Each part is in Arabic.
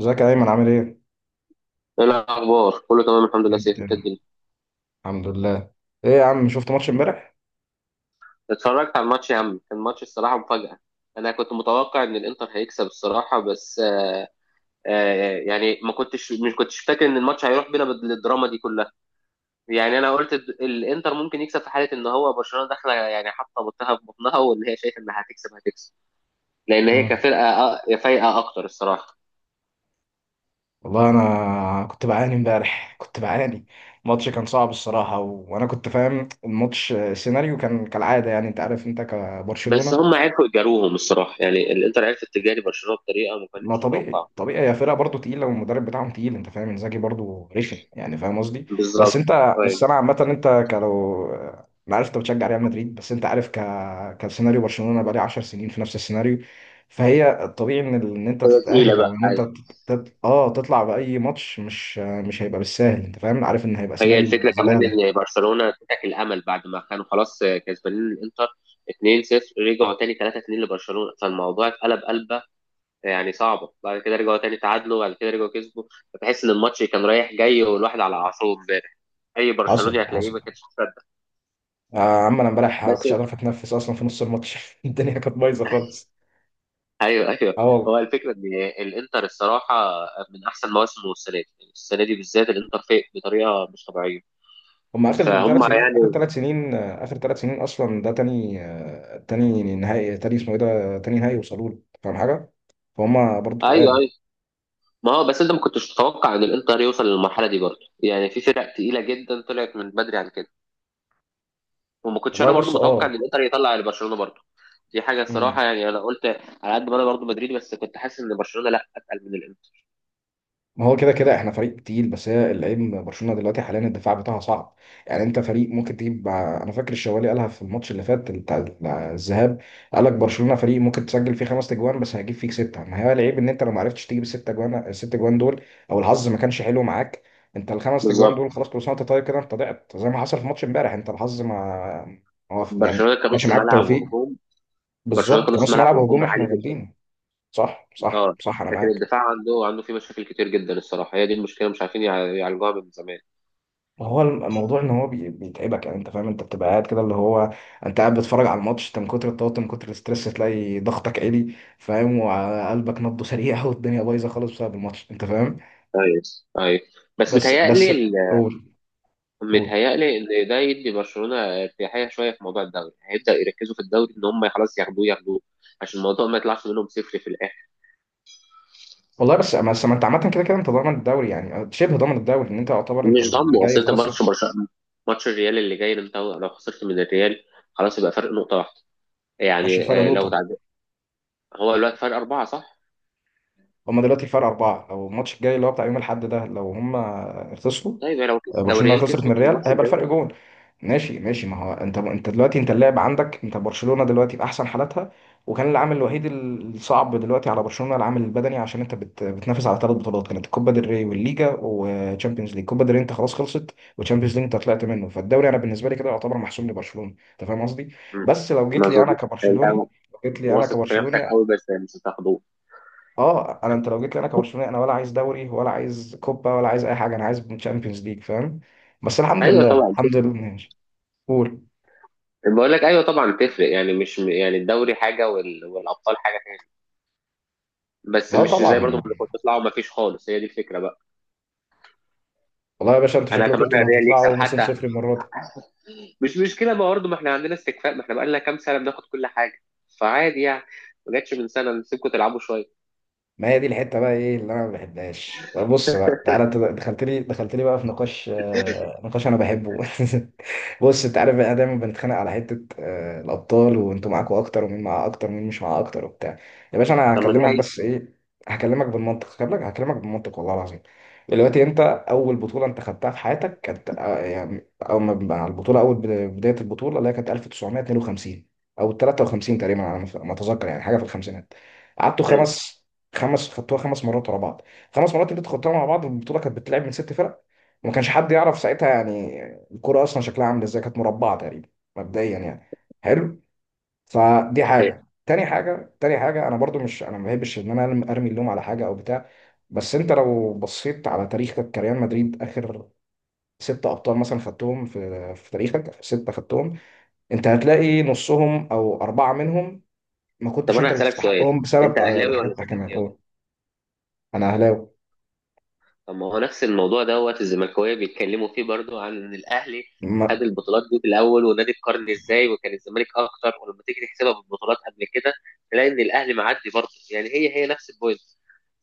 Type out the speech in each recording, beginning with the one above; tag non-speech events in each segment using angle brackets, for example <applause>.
ازيك يا ايمن عامل ايه؟ ايه الاخبار؟ كله تمام الحمد لله. سيف، جدا، انت الدنيا. الحمد لله. ايه يا عم شفت ماتش امبارح؟ اتفرجت على الماتش يا عم، كان ماتش الصراحه مفاجاه. انا كنت متوقع ان الانتر هيكسب الصراحه بس. آه يعني ما كنتش مش كنتش فاكر ان الماتش هيروح بينا بالدراما دي كلها. يعني انا قلت الانتر ممكن يكسب في حاله ان هو برشلونه داخله يعني حاطه بطها في بطنها، وان هي شايفه انها هتكسب هتكسب، لان هي آه. كفرقه فايقه اكتر الصراحه. والله انا كنت بعاني امبارح، كنت بعاني. الماتش كان صعب الصراحه، و... وانا كنت فاهم الماتش، سيناريو كان كالعاده، يعني انت عارف انت بس كبرشلونه. هم عرفوا يجاروهم الصراحه، يعني الانتر عرفت تجاري برشلونه بطريقه ما ما كانتش طبيعي متوقعه. طبيعي، هي فرقه برضه تقيله والمدرب بتاعهم تقيل، انت فاهم، انزاجي برضه رخم، يعني فاهم قصدي. بس بالظبط، انت، بس أيوة. انا عامه انت كلو. انا عارف انت بتشجع ريال مدريد، بس انت عارف، كسيناريو برشلونه بقالي 10 سنين في نفس السيناريو. فهي الطبيعي ان ان انت هي تقيله تتاهل، بقى، او ان انت أيوة. تطلع باي ماتش، مش هيبقى بالسهل، انت فاهم، عارف ان هيبقى هي سيناريو الفكره كمان زباله. ان برشلونه انتهك الامل بعد ما كانوا خلاص كسبانين الانتر 2-0، رجعوا تاني 3-2 لبرشلونه، فالموضوع اتقلب قلبه، يعني صعبه. بعد كده رجعوا تاني تعادلوا، بعد كده رجعوا كسبوا. فتحس ان الماتش كان رايح جاي، والواحد على اعصابه امبارح، اي حصل برشلوني هتلاقيه حصل. ما كانش مصدق. يا عم انا امبارح بس كنتش قادر اتنفس اصلا في نص الماتش <laughs> الدنيا كانت بايظه خالص. ايوه ايوه. اه والله. هو الفكره ان الانتر الصراحه من احسن مواسمه السنه دي، يعني السنه دي بالذات الانتر فايق بطريقه مش طبيعيه. هم اخر ثلاث فهم سنين اخر يعني. 3 سنين، اخر ثلاث سنين اصلا، ده تاني، تاني نهائي، تاني اسمه ايه، ده تاني نهائي وصلوا له، فاهم حاجه؟ فهم برضه ايوه، تقال. أيوه. ما هو بس انت ما كنتش تتوقع ان الانتر يوصل للمرحله دي برضه، يعني في فرق تقيله جدا طلعت من بدري عن كده، وما كنتش والله، انا برضه بص، متوقع اه. ان الانتر يطلع على برشلونه برضه. دي حاجه مم. الصراحه. يعني انا قلت على قد ما انا برضه مدريدي بس كنت حاسس ان برشلونه لا اتقل من الانتر. ما هو كده كده احنا فريق تقيل، بس هي العيب من برشلونه دلوقتي حاليا الدفاع بتاعها صعب. يعني انت فريق ممكن تجيب، انا فاكر الشوالي قالها في الماتش اللي فات بتاع الذهاب. قال لك برشلونه فريق ممكن تسجل فيه خمس اجوان بس هيجيب فيك سته. ما هي العيب ان انت لو ما عرفتش تجيب الست اجوان، الست اجوان دول، او الحظ ما كانش حلو معاك، انت الخمس اجوان بالظبط. دول خلاص، كل سنه وانت طيب كده، انت ضعت زي ما حصل في ماتش امبارح، انت الحظ ما ما وف- يعني ما برشلونه كانش كنص معاك ملعب توفيق. وهجوم برشلونه بالظبط كنص كنص ملعب ملعب وهجوم هجوم عالي احنا جدا. جامدين. صح صح اه، صح، انا لكن معاك. الدفاع عنده فيه مشاكل كتير جدا الصراحه، هي دي المشكله، مش عارفين يعالجوها من زمان. ما هو الموضوع ان هو بيتعبك، يعني انت فاهم، انت بتبقى قاعد كده، اللي هو انت قاعد بتتفرج على الماتش، انت من كتر التوتر من كتر الاسترس تلاقي ضغطك عالي، فاهم، وقلبك نبضه سريع، والدنيا بايظه خالص بسبب الماتش، انت فاهم. ايوه، ايوه. بس بس. متهيألي قول. قول. متهيألي إن ده يدي برشلونة ارتياحية شوية في موضوع الدوري، هيبدأ يركزوا في الدوري إن هم خلاص ياخدوه ياخدوه، عشان الموضوع ما يطلعش منهم صفر في الآخر. والله، بس ما انت عامه كده كده انت ضامن الدوري، يعني شبه ضامن الدوري، ان انت يعتبر انت مش اللي ضامنه، جاي أصل أنت خلاص ماتش انت. برشلونة، ماتش الريال اللي جاي ده، أنت لو خسرت من الريال خلاص يبقى فرق نقطة واحدة. ماشي، يعني فرق لو نقطه. تعدي. هو دلوقتي فرق أربعة صح؟ هما دلوقتي فرق اربعه، لو الماتش الجاي اللي هو بتاع يوم الاحد ده، لو هما خسروا، طيب لو لو برشلونه الريال خسرت من كسبت الريال، الماتش هيبقى الجاي. الفرق جون. ماشي ماشي، ما هو انت دلوقتي انت اللاعب عندك، انت برشلونة دلوقتي في احسن حالاتها. وكان العامل الوحيد الصعب دلوقتي على برشلونة العامل البدني، عشان انت بتنافس على ثلاث بطولات، كانت الكوبا ديل ري والليجا وتشامبيونز ليج. كوبا ديل ري انت خلاص خلصت، وتشامبيونز ليج انت طلعت منه، فالدوري انا بالنسبة لي كده يعتبر محسوم لبرشلونة، انت فاهم قصدي. مم، بس لو جيت ما لي انا أظنش. أنت كبرشلوني، لو جيت لي انا واثق في نفسك كبرشلوني، قوي بس مش هتاخدوه. اه انا، لو جيت لي انا كبرشلوني انا ولا عايز دوري ولا عايز كوبا ولا عايز اي حاجة، انا عايز تشامبيونز ليج، فاهم. بس الحمد ايوه لله، طبعا. الحمد لله، ماشي. قول. بقول لك ايوه طبعا تفرق، يعني مش يعني الدوري حاجه والابطال حاجه. بس اه مش زي برضو طبعا. ما اللي كنت تطلعوا، ما فيش خالص، هي دي الفكره بقى. والله يا باشا، انتوا انا شكلكم انتوا اتمنى اللي الريال يكسب هتطلعوا موسم حتى، صفر المرة دي. مش مشكله بقى برضو، ما احنا عندنا استكفاء، ما احنا بقى لنا كام سنه بناخد كل حاجه، فعادي يعني. ما جاتش من سنه نسيبكم تلعبوا شويه. ما هي دي الحته بقى، ايه اللي انا ما بحبهاش، طب بص بقى، تعالى، انت دخلت لي بقى في نقاش، نقاش انا بحبه <laughs> بص انت عارف بقى، دايما بنتخانق على حته، الابطال، وانتوا معاكوا اكتر ومين معاه اكتر ومين مش معاه اكتر وبتاع. يا باشا انا طب ما دي هكلمك حقيقه. بس ايه، هكلمك بالمنطق، هكلمك بالمنطق والله العظيم. دلوقتي انت، اول بطوله انت خدتها في حياتك كانت، يعني اول ما بقى على البطوله، اول بدايه البطوله اللي هي كانت 1952 او 53 تقريبا، على ما اتذكر، يعني حاجه في الخمسينات. قعدتوا حلو. خمس، خدتوها خمس مرات ورا بعض، خمس مرات اللي انت خدتوها مع بعض، البطوله كانت بتلعب من ست فرق، وما كانش حد يعرف ساعتها، يعني الكوره اصلا شكلها عامل ازاي، كانت مربعه تقريبا مبدئيا يعني. حلو. فدي هي. حاجه، تاني حاجه، تاني حاجه، انا برضو مش، انا ما بحبش ان انا ارمي اللوم على حاجه او بتاع. بس انت لو بصيت على تاريخك كريال مدريد، اخر ست ابطال مثلا خدتهم في تاريخك، آخر ستة خدتهم، انت هتلاقي نصهم او اربعة منهم ما طب كنتش انت انا اللي هسالك سؤال، تستحقهم، انت بسبب اهلاوي حاجات ولا تحكيمية، زملكاوي؟ انا اهلاوي. طب ما هو نفس الموضوع دوت الزملكاويه بيتكلموا فيه برضو، عن ان الاهلي ما خد البطولات دي في الاول، ونادي القرن ازاي، وكان الزمالك اكتر، ولما تيجي تحسبها بالبطولات قبل كده تلاقي ان الاهلي معدي برضو. يعني هي هي نفس البوينت.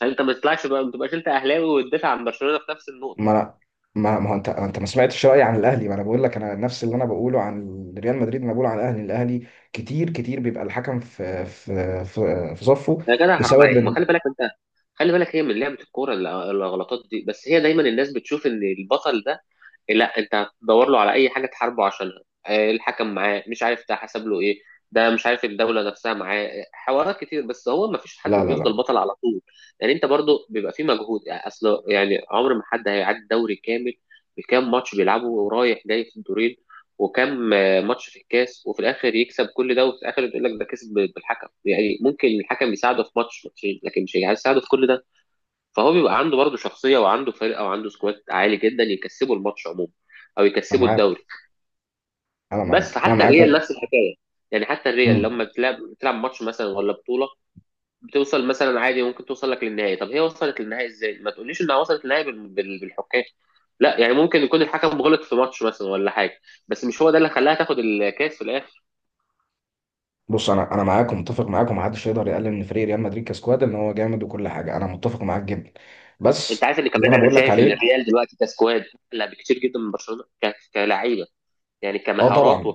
فانت ما تطلعش بقى، ما تبقاش انت اهلاوي وتدافع عن برشلونه في نفس ما النقطه. أنا ما ما هو انت ما انت ما سمعتش رايي عن الاهلي، ما انا بقول لك، انا نفس اللي انا بقوله عن ريال مدريد انا بقوله عن الاهلي. كتير كتير بيبقى الحكم في صفه، يا جدع حرام بسبب عليك، ما ان. خلي بالك انت، خلي بالك هي من لعبه الكوره، الغلطات دي. بس هي دايما الناس بتشوف ان البطل ده، لا، انت هتدور له على اي حاجه تحاربه عشانها، الحكم معاه، مش عارف ده حسب له ايه، ده مش عارف الدوله نفسها معاه، حوارات كتير. بس هو ما فيش حد لا، لا، لا، بيفضل بطل على طول. يعني انت برضو بيبقى في مجهود، يعني اصل يعني عمر ما حد هيعدي دوري كامل بكام ماتش بيلعبه ورايح جاي في الدورين، وكام ماتش في الكاس، وفي الاخر يكسب كل ده، وفي الاخر يقول لك ده كسب بالحكم. يعني ممكن الحكم يساعده في ماتش ماتشين لكن مش هيساعده في كل ده. فهو بيبقى عنده برضه شخصيه، وعنده فرقه، وعنده سكواد عالي جدا يكسبوا الماتش عموما، او انا يكسبوا معاك، الدوري. انا بس معاك، انا حتى معاك. الريال نفس الحكايه. يعني حتى الريال مم. لما بتلعب، بتلعب ماتش مثلا ولا بطوله، بتوصل مثلا عادي، ممكن توصل لك للنهائي. طب هي وصلت للنهائي ازاي؟ ما تقوليش انها وصلت للنهائي بالحكام. لا يعني ممكن يكون الحكم غلط في ماتش مثلا ولا حاجه، بس مش هو ده اللي خلاها تاخد الكاس في الاخر. بص، انا معاك ومتفق معاك، ومحدش يقدر يقلل من فريق ريال مدريد كسكواد، ان هو جامد وكل حاجه، انا متفق معاك جدا، انت بس عارف ان اللي كمان انا انا بقول لك شايف عليه. ان الريال دلوقتي كسكواد لا بكتير جدا من برشلونه كلاعيبه. يعني اه كمهارات طبعا.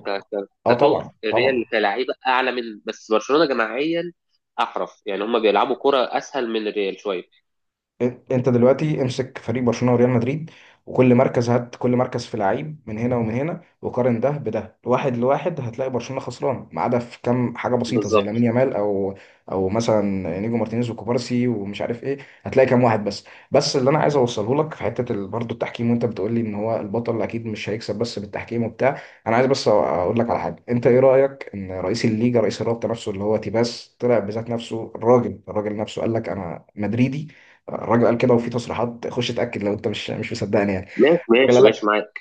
اه طبعا الريال طبعا. كلعيبه اعلى من بس برشلونه جماعيا. احرف، يعني هم بيلعبوا كره اسهل من الريال شويه. انت دلوقتي امسك فريق برشلونه وريال مدريد وكل مركز، هات كل مركز في لعيب من هنا ومن هنا وقارن ده بده، واحد لواحد، هتلاقي برشلونه خسران ما عدا في كام حاجه بسيطه زي لامين بالظبط. يامال او مثلا نيجو مارتينيز وكوبارسي ومش عارف ايه، هتلاقي كام واحد بس. بس اللي انا عايز اوصله لك في حته برضه التحكيم، وانت بتقول لي ان هو البطل اكيد مش هيكسب بس بالتحكيم وبتاع. انا عايز بس اقول لك على حاجه، انت ايه رايك ان رئيس الليجا، رئيس الرابطه نفسه اللي هو تيباس، طلع بذات نفسه الراجل، نفسه قال لك انا مدريدي. الراجل قال كده، وفي تصريحات، خش اتاكد لو انت مش مصدقني يعني. ماشي الراجل ماشي قال ماشي لك معاك.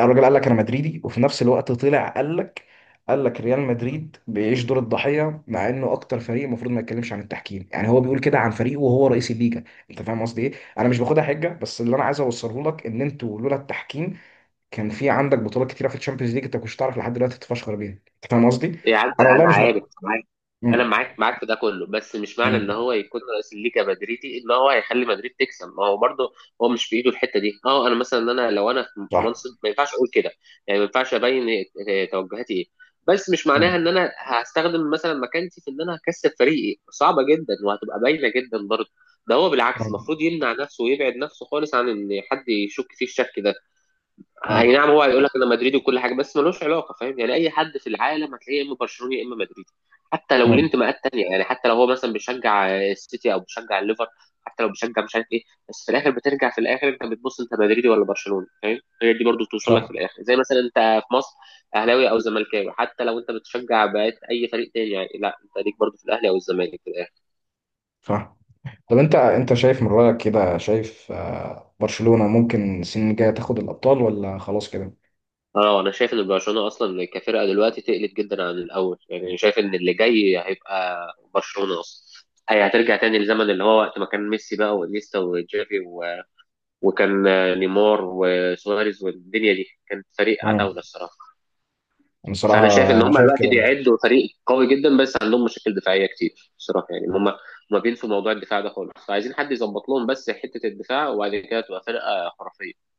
الراجل قال لك انا مدريدي، وفي نفس الوقت طلع قال لك ريال مدريد بيعيش دور الضحيه، مع انه اكتر فريق المفروض ما يتكلمش عن التحكيم، يعني هو بيقول كده عن فريقه وهو رئيس الليجا. انت فاهم قصدي ايه. انا مش باخدها حجه، بس اللي انا عايز اوصله لك ان انتوا لولا التحكيم كان في عندك بطولات كتيره في الشامبيونز ليج، انت كنتش تعرف لحد دلوقتي تتفشخر بيها، انت فاهم قصدي. إيه يا عم. انا والله انا مش بقى. عارف معاك. انا معاك معاك في ده كله، بس مش معنى ان هو يكون رئيس الليجا مدريدي ان هو هيخلي مدريد تكسب. ما هو برضه هو مش في ايده الحته دي. اه انا مثلا، انا لو انا في صح. منصب ما ينفعش اقول كده. يعني ما ينفعش ابين توجهاتي ايه، بس مش مم. معناها ان انا هستخدم مثلا مكانتي في ان انا هكسب فريقي، صعبه جدا وهتبقى باينه جدا برضه. ده هو بالعكس مم. المفروض يمنع نفسه ويبعد نفسه خالص عن ان حد يشك فيه الشك ده. اي مم. نعم هو هيقول لك انا مدريدي وكل حاجه، بس ملوش علاقه. فاهم يعني اي حد في العالم هتلاقيه يا اما برشلوني يا اما مدريدي، حتى لو ليه مم. انتماءات تانيه. يعني حتى لو هو مثلا بيشجع السيتي او بيشجع الليفر، حتى لو بيشجع مش عارف ايه، بس في الاخر بترجع، في الاخر انت بتبص انت مدريدي ولا برشلوني. فاهم؟ هي دي برضو توصل لك في صح الاخر. زي مثلا انت في مصر اهلاوي او زملكاوي، حتى لو انت بتشجع بقيت اي فريق تاني، يعني لا، انت ليك برضو في الاهلي او الزمالك. صح. طب، انت شايف من رأيك كده، شايف برشلونة ممكن السنين الجاية تاخد الأبطال ولا خلاص كده؟ اه انا شايف ان برشلونه اصلا كفرقه دلوقتي تقلت جدا عن الاول. يعني أنا شايف ان اللي جاي هيبقى برشلونه اصلا، هي هترجع تاني لزمن اللي هو وقت ما كان ميسي بقى وانيستا وجافي و... وكان نيمار وسواريز والدنيا دي، كان فريق مم. عتاوله الصراحه. انا فانا شايف صراحة ان انا هم شايف دلوقتي كده برضه. بيعدوا فريق قوي جدا بس عندهم مشاكل دفاعيه كتير الصراحه، يعني هم ما بينسوا موضوع الدفاع ده خالص، فعايزين حد يظبط لهم بس حته الدفاع، وبعد كده تبقى فرقه خرافيه.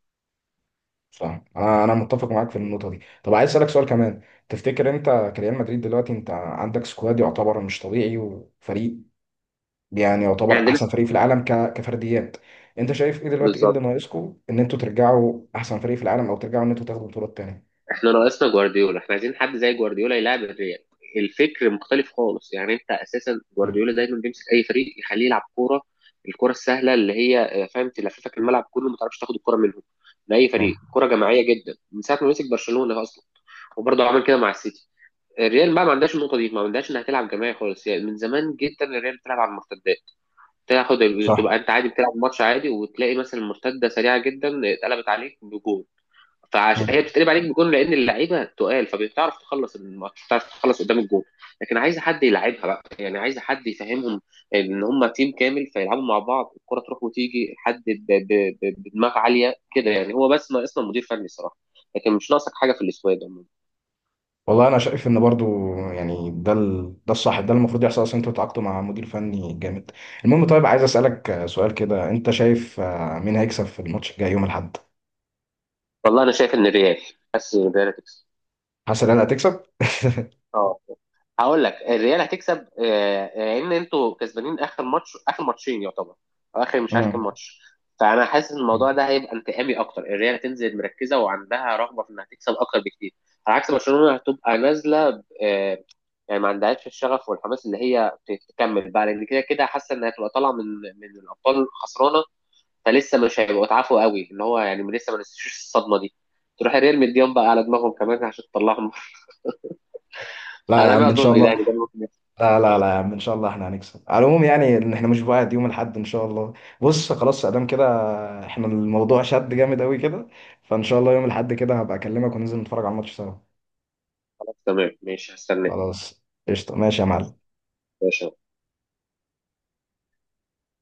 صح. انا متفق معاك في النقطة دي. طب عايز أسألك سؤال كمان، تفتكر انت كريال مدريد دلوقتي انت عندك سكواد يعتبر مش طبيعي، وفريق يعني يعني يعتبر عندنا. احسن فريق في العالم كفرديات، انت شايف ايه دلوقتي، ايه اللي بالظبط، ناقصكم ان انتوا ترجعوا احسن فريق في العالم او ترجعوا ان انتوا تاخدوا بطولات تانية. احنا ناقصنا جوارديولا، احنا عايزين حد زي جوارديولا يلعب الريال. الفكر مختلف خالص. يعني انت اساسا مم. جوارديولا دايما بيمسك اي فريق يخليه يلعب كوره، الكوره السهله اللي هي فاهم، تلففك الملعب كله ما تعرفش تاخد الكوره منهم، من اي مم. فريق، كوره جماعيه جدا من ساعه ما مسك برشلونه اصلا، وبرضه عمل كده مع السيتي. الريال بقى ما عندهاش النقطه دي، ما عندهاش انها تلعب جماعي خالص، يعني من زمان جدا الريال بتلعب على المرتدات. تاخد تبقى صح. انت عادي بتلعب ماتش عادي، وتلاقي مثلا المرتده سريعه جدا اتقلبت عليك بجول. هي بتتقلب عليك بجون لان اللعيبه تقال، فبتعرف تخلص الماتش، بتعرف تخلص قدام الجون. لكن عايزه حد يلعبها بقى، يعني عايزه حد يفهمهم ان هم تيم كامل فيلعبوا مع بعض، الكره تروح وتيجي، حد بدماغ عاليه كده. يعني هو بس ناقصنا مدير فني الصراحه، لكن مش ناقصك حاجه في السكواد عموما. والله انا شايف ان برضو يعني ده الصح، ده المفروض يحصل، اصلا انتوا تعاقدتوا مع مدير فني جامد. المهم طيب، عايز اسالك سؤال كده، انت شايف مين هيكسب في الماتش الجاي يوم الاحد؟ والله انا شايف ان الريال، بس الريال هتكسب. حاسس ان انا هتكسب. اه، هقول لك الريال هتكسب، لان انتوا كسبانين اخر ماتش، اخر ماتشين يعتبر، أو اخر مش عارف كام امم ماتش. فانا حاسس ان الموضوع ده هيبقى انتقامي اكتر، الريال هتنزل مركزه وعندها رغبه في انها تكسب اكتر بكتير، على عكس برشلونه هتبقى نازله يعني ما عندهاش الشغف والحماس اللي هي تكمل بقى، لان كده كده حاسه انها هتبقى طالعه من الابطال خسرانه. فلسه مش هيبقوا اتعافوا قوي، ان هو يعني لسه ما نسيوش الصدمه دي، تروح الريال مديهم بقى على دماغهم كمان عشان تطلعهم <laughs> لا يا على ما عم ان شاء اظن الله. يعني ده. لا، لا، لا، يا عم ان شاء الله احنا هنكسب على العموم، يعني ان احنا مش، بعد يوم الاحد ان شاء الله. بص، خلاص ادام كده، احنا الموضوع شد جامد قوي كده، فان شاء الله يوم الاحد كده هبقى اكلمك وننزل نتفرج على الماتش سوا. خلاص تمام ماشي هستناك. خلاص قشطه، ماشي يا معلم. ماشي.